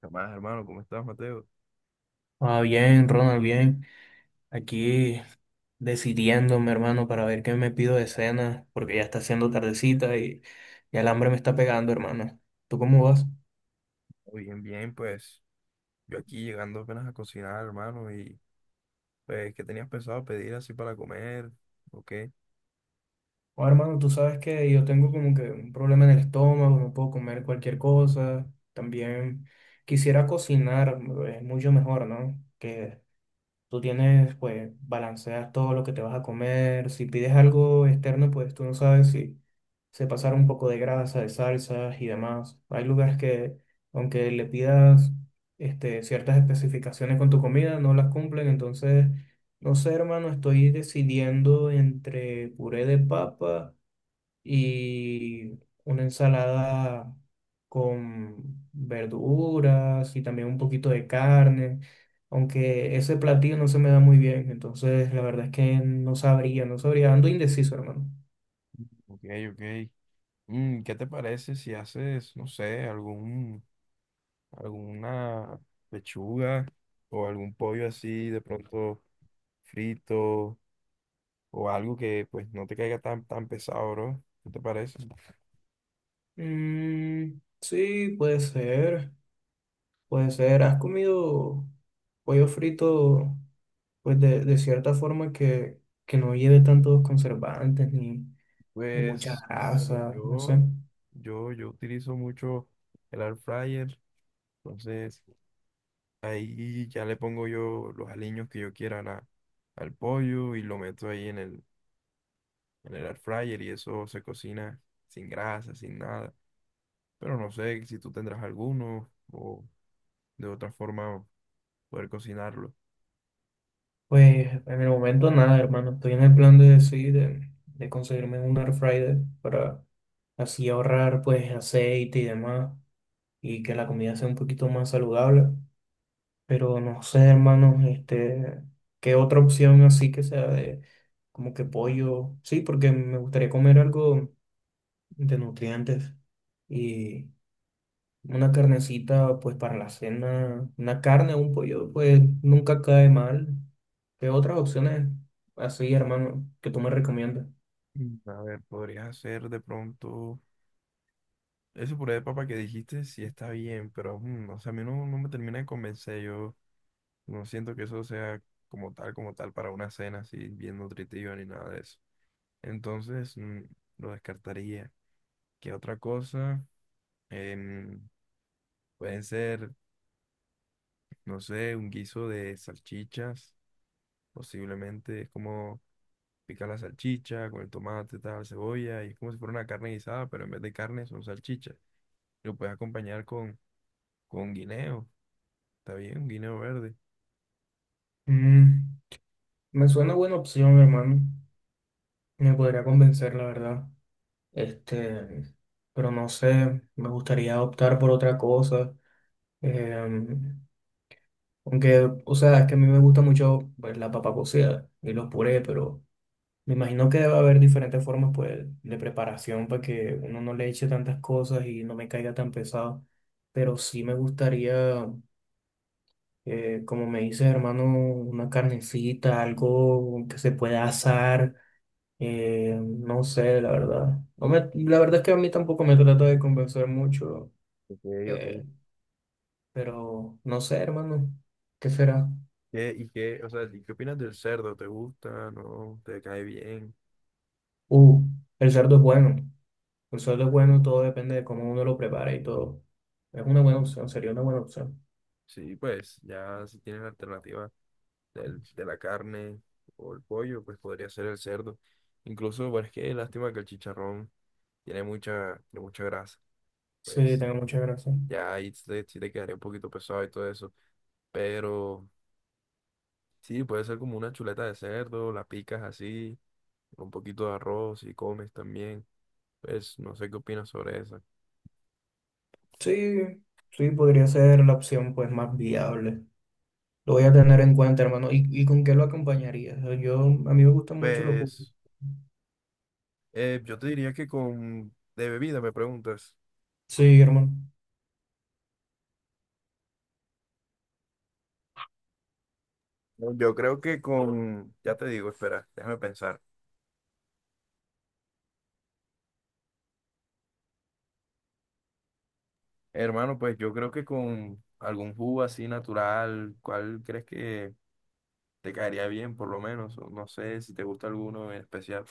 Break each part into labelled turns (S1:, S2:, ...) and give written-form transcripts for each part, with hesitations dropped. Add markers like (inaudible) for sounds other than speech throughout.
S1: ¿Qué más, hermano? ¿Cómo estás, Mateo?
S2: Ah, bien, Ronald, bien. Aquí decidiendo, mi hermano, para ver qué me pido de cena, porque ya está haciendo tardecita y el hambre me está pegando, hermano. ¿Tú cómo vas?
S1: Oh, bien, bien, pues yo aquí llegando apenas a cocinar, hermano, y pues, ¿qué tenías pensado pedir así para comer? ¿O qué?
S2: Oh, hermano, tú sabes que yo tengo como que un problema en el estómago, no puedo comer cualquier cosa. También quisiera cocinar, es mucho mejor, ¿no? Que tú tienes, pues, balancear todo lo que te vas a comer. Si pides algo externo, pues tú no sabes si se pasaron un poco de grasa, de salsas y demás. Hay lugares que, aunque le pidas ciertas especificaciones con tu comida, no las cumplen. Entonces, no sé, hermano, estoy decidiendo entre puré de papa y una ensalada con verduras y también un poquito de carne, aunque ese platillo no se me da muy bien, entonces la verdad es que no sabría, no sabría, ando indeciso, hermano.
S1: Ok, ok. Mm, ¿qué te parece si haces, no sé, algún, alguna pechuga o algún pollo así de pronto frito o algo que pues no te caiga tan, tan pesado, bro? ¿Qué te parece?
S2: Mm, sí, puede ser, puede ser. ¿Has comido pollo frito, pues de cierta forma que no lleve tantos conservantes ni, ni mucha
S1: Pues, bueno,
S2: grasa, no sé?
S1: yo utilizo mucho el air fryer, entonces... Ahí ya le pongo yo los aliños que yo quiera a la- al pollo y lo meto ahí en el air fryer y eso se cocina sin grasa, sin nada. Pero no sé si tú tendrás alguno o de otra forma poder cocinarlo.
S2: Pues en el momento nada, hermano. Estoy en el plan de decir de conseguirme un air fryer para así ahorrar pues aceite y demás y que la comida sea un poquito más saludable. Pero no sé, hermano, qué otra opción así que sea de como que pollo. Sí, porque me gustaría comer algo de nutrientes y, una carnecita, pues para la cena, una carne o un pollo, pues nunca cae mal. ¿Qué otras opciones así, hermano, que tú me recomiendas?
S1: Mm. A ver, podrías hacer de pronto ese puré de papa que dijiste, sí está bien, pero mm, o sea, a mí no, no me termina de convencer. Yo no siento que eso sea como tal para una cena así bien nutritiva ni nada de eso. Entonces, mm, lo descartaría. ¿Qué otra cosa? Em, Pueden ser, no sé, un guiso de salchichas, posiblemente. Es como picar la salchicha con el tomate, tal, cebolla, y es como si fuera una carne guisada, pero en vez de carne son salchichas. Lo puedes acompañar con guineo, está bien, un guineo verde.
S2: Mm, me suena buena opción, hermano. Me podría convencer, la verdad. Este, pero no sé, me gustaría optar por otra cosa. Em, Aunque, o sea, es que a mí me gusta mucho, pues, la papa cocida y los purés, pero me imagino que debe haber diferentes formas pues, de preparación para que uno no le eche tantas cosas y no me caiga tan pesado. Pero sí me gustaría, como me dices, hermano, una carnecita, algo que se pueda asar. No sé, la verdad. No me- la verdad es que a mí tampoco me trata de convencer mucho.
S1: Ok, ok.
S2: eh, pero no sé, hermano, ¿qué será?
S1: ¿Qué, y qué, o sea, ¿y qué opinas del cerdo? ¿Te gusta? ¿No? ¿Te cae bien?
S2: Uh, el cerdo es bueno. El sueldo es bueno, todo depende de cómo uno lo prepara y todo. Es una buena
S1: Mm.
S2: opción, sería una buena opción.
S1: Sí, pues ya si tienes alternativas del- de la carne o el pollo, pues podría ser el cerdo. Incluso, bueno, es que lástima que el chicharrón tiene mucha grasa.
S2: Sí,
S1: Pues
S2: tengo muchas gracias.
S1: ya ahí sí te quedaría un poquito pesado y todo eso. Pero sí, puede ser como una chuleta de cerdo, la picas así, con un poquito de arroz y comes también. Pues no sé qué opinas sobre esa.
S2: Sí, sí, podría ser la opción pues más viable. Lo voy a tener en cuenta, hermano. Y con qué lo acompañaría? O sea, yo, a mí me gustan mucho los jugos.
S1: Pues yo te diría que con... De bebida me preguntas.
S2: Sí, hermano.
S1: No, yo creo que con... Ya te digo, espera, déjame pensar. Hermano, pues yo creo que con algún jugo así natural, ¿cuál crees que te caería bien, por lo menos? O no sé si te gusta alguno en especial.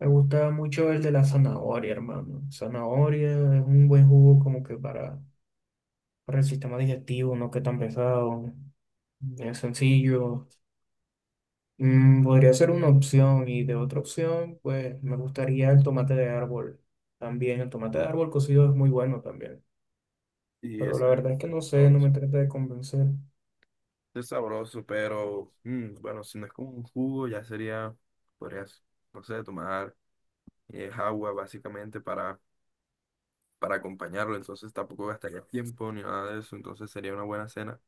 S2: Me gusta mucho el de la zanahoria, hermano. Zanahoria es un buen jugo como que para el sistema digestivo, no que tan pesado. Es sencillo. Mm, podría ser una opción y de otra opción, pues me gustaría el tomate de árbol. También el tomate de árbol cocido es muy bueno también,
S1: Y
S2: pero
S1: ese
S2: la verdad es que no
S1: es
S2: sé, no me
S1: sabroso.
S2: trata de convencer.
S1: Es sabroso, pero mm, bueno, si no es como un jugo, ya sería, podrías, no sé, tomar agua básicamente para acompañarlo. Entonces tampoco gastaría tiempo ni nada de eso. Entonces sería una buena cena,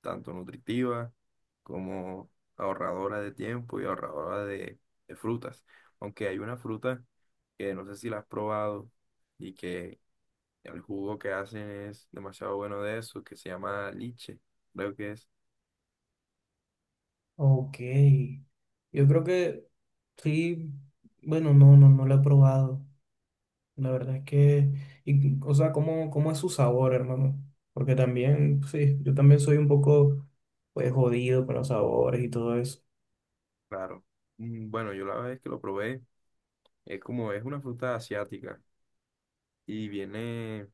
S1: tanto nutritiva como ahorradora de tiempo y ahorradora de frutas. Aunque hay una fruta que no sé si la has probado y que el jugo que hacen es demasiado bueno de eso, que se llama liche, creo que es,
S2: Ok, yo creo que sí, bueno, no, no, no lo he probado. La verdad es que, y, o sea, ¿cómo, cómo es su sabor, hermano? Porque también, sí, yo también soy un poco, pues, jodido con los sabores y todo eso.
S1: claro. Mm, bueno, yo la vez que lo probé, es como es una fruta asiática y viene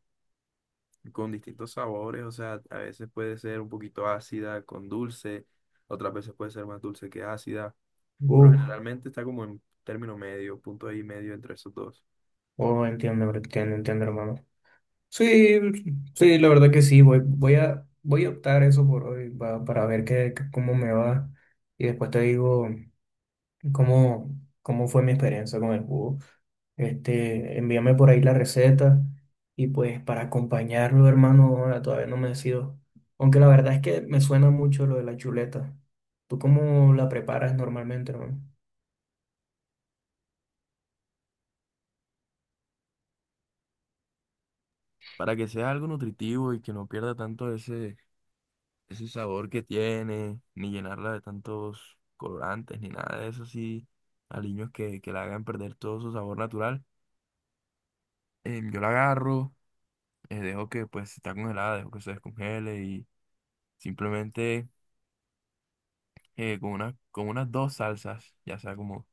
S1: con distintos sabores, o sea, a veces puede ser un poquito ácida con dulce, otras veces puede ser más dulce que ácida, pero
S2: Uf,
S1: generalmente está como en término medio, punto ahí medio entre esos dos.
S2: oh, entiendo, entiendo, entiendo, hermano. Sí, sí, la verdad que sí, voy, voy a, voy a optar eso por hoy pa- para ver qué, qué- cómo me va y después te digo cómo, cómo fue mi experiencia con el jugo. Envíame por ahí la receta y pues para acompañarlo, hermano, ahora todavía no me decido. Aunque la verdad es que me suena mucho lo de la chuleta. ¿Tú cómo la preparas normalmente, hermano?
S1: Para que sea algo nutritivo y que no pierda tanto ese, ese sabor que tiene, ni llenarla de tantos colorantes, ni nada de eso, así, aliños que la hagan perder todo su sabor natural. Yo la agarro, dejo que pues si está congelada, dejo que se descongele y simplemente con una, con unas dos salsas, ya sea como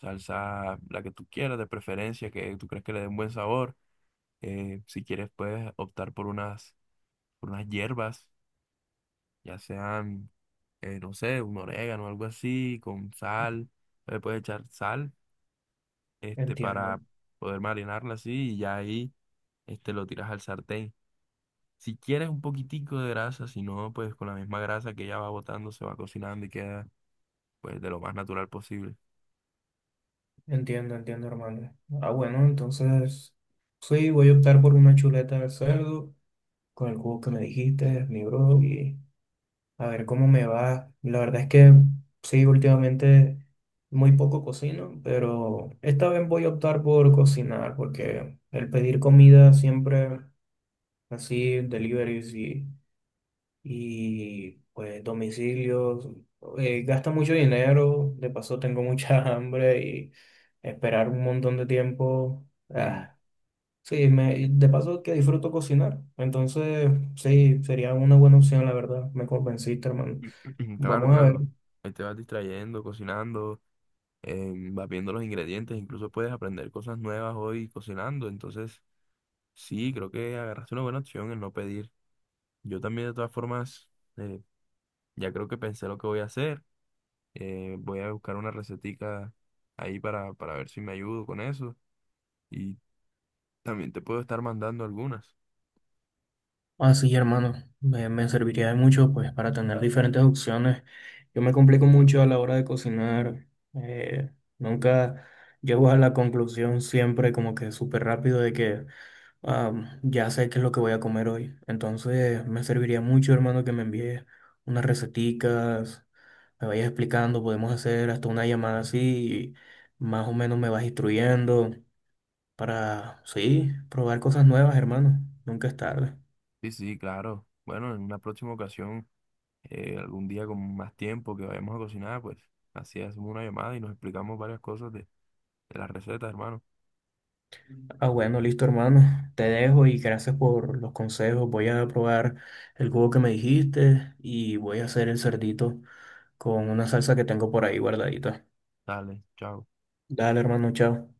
S1: salsa la que tú quieras de preferencia, que tú crees que le dé un buen sabor. Si quieres, puedes optar por unas hierbas, ya sean, no sé, un orégano o algo así, con sal. Le puedes echar sal, este, para
S2: Entiendo,
S1: poder marinarla así y ya ahí, este, lo tiras al sartén. Si quieres un poquitico de grasa, si no, pues con la misma grasa que ya va botando, se va cocinando y queda, pues, de lo más natural posible.
S2: entiendo, entiendo, hermano. Ah, bueno, entonces sí, voy a optar por una chuleta de cerdo, con el cubo que me dijiste, mi bro, y a ver cómo me va. La verdad es que sí, últimamente muy poco cocino, pero esta vez voy a optar por cocinar, porque el pedir comida siempre así, deliveries y pues domicilios, gasta mucho dinero, de paso tengo mucha (laughs) hambre y esperar un montón de tiempo.
S1: Sí.
S2: Ah, sí, me, y de paso que disfruto cocinar, entonces sí, sería una buena opción, la verdad. Me convenciste, hermano.
S1: (clears throat) Claro,
S2: Vamos a ver.
S1: claro. Ahí te vas distrayendo, cocinando, vas viendo los ingredientes, incluso puedes aprender cosas nuevas hoy cocinando, entonces sí, creo que agarraste una buena opción en no pedir. Yo también de todas formas, eh, ya creo que pensé lo que voy a hacer, voy a buscar una recetica ahí para ver si me ayudo con eso y también te puedo estar mandando algunas.
S2: Así, hermano, me serviría de mucho, pues, para tener diferentes opciones. Yo me complico mucho a la hora de cocinar. eh, Nunca llego a la conclusión siempre como que súper rápido de que ah, ya sé qué es lo que voy a comer hoy. Entonces, me serviría mucho, hermano, que me envíes unas receticas, me vayas explicando, podemos hacer hasta una llamada así, y más o menos me vas instruyendo para, sí, probar cosas nuevas, hermano. Nunca es tarde.
S1: Sí, sí, claro. Bueno, en una próxima ocasión, algún día con más tiempo que vayamos a cocinar, pues así hacemos una llamada y nos explicamos varias cosas de las recetas, hermano.
S2: Ah, bueno, listo, hermano. Te dejo y gracias por los consejos. Voy a probar el jugo que me dijiste y voy a hacer el cerdito con una salsa que tengo por ahí guardadita.
S1: Dale, chao.
S2: Dale, hermano, chao.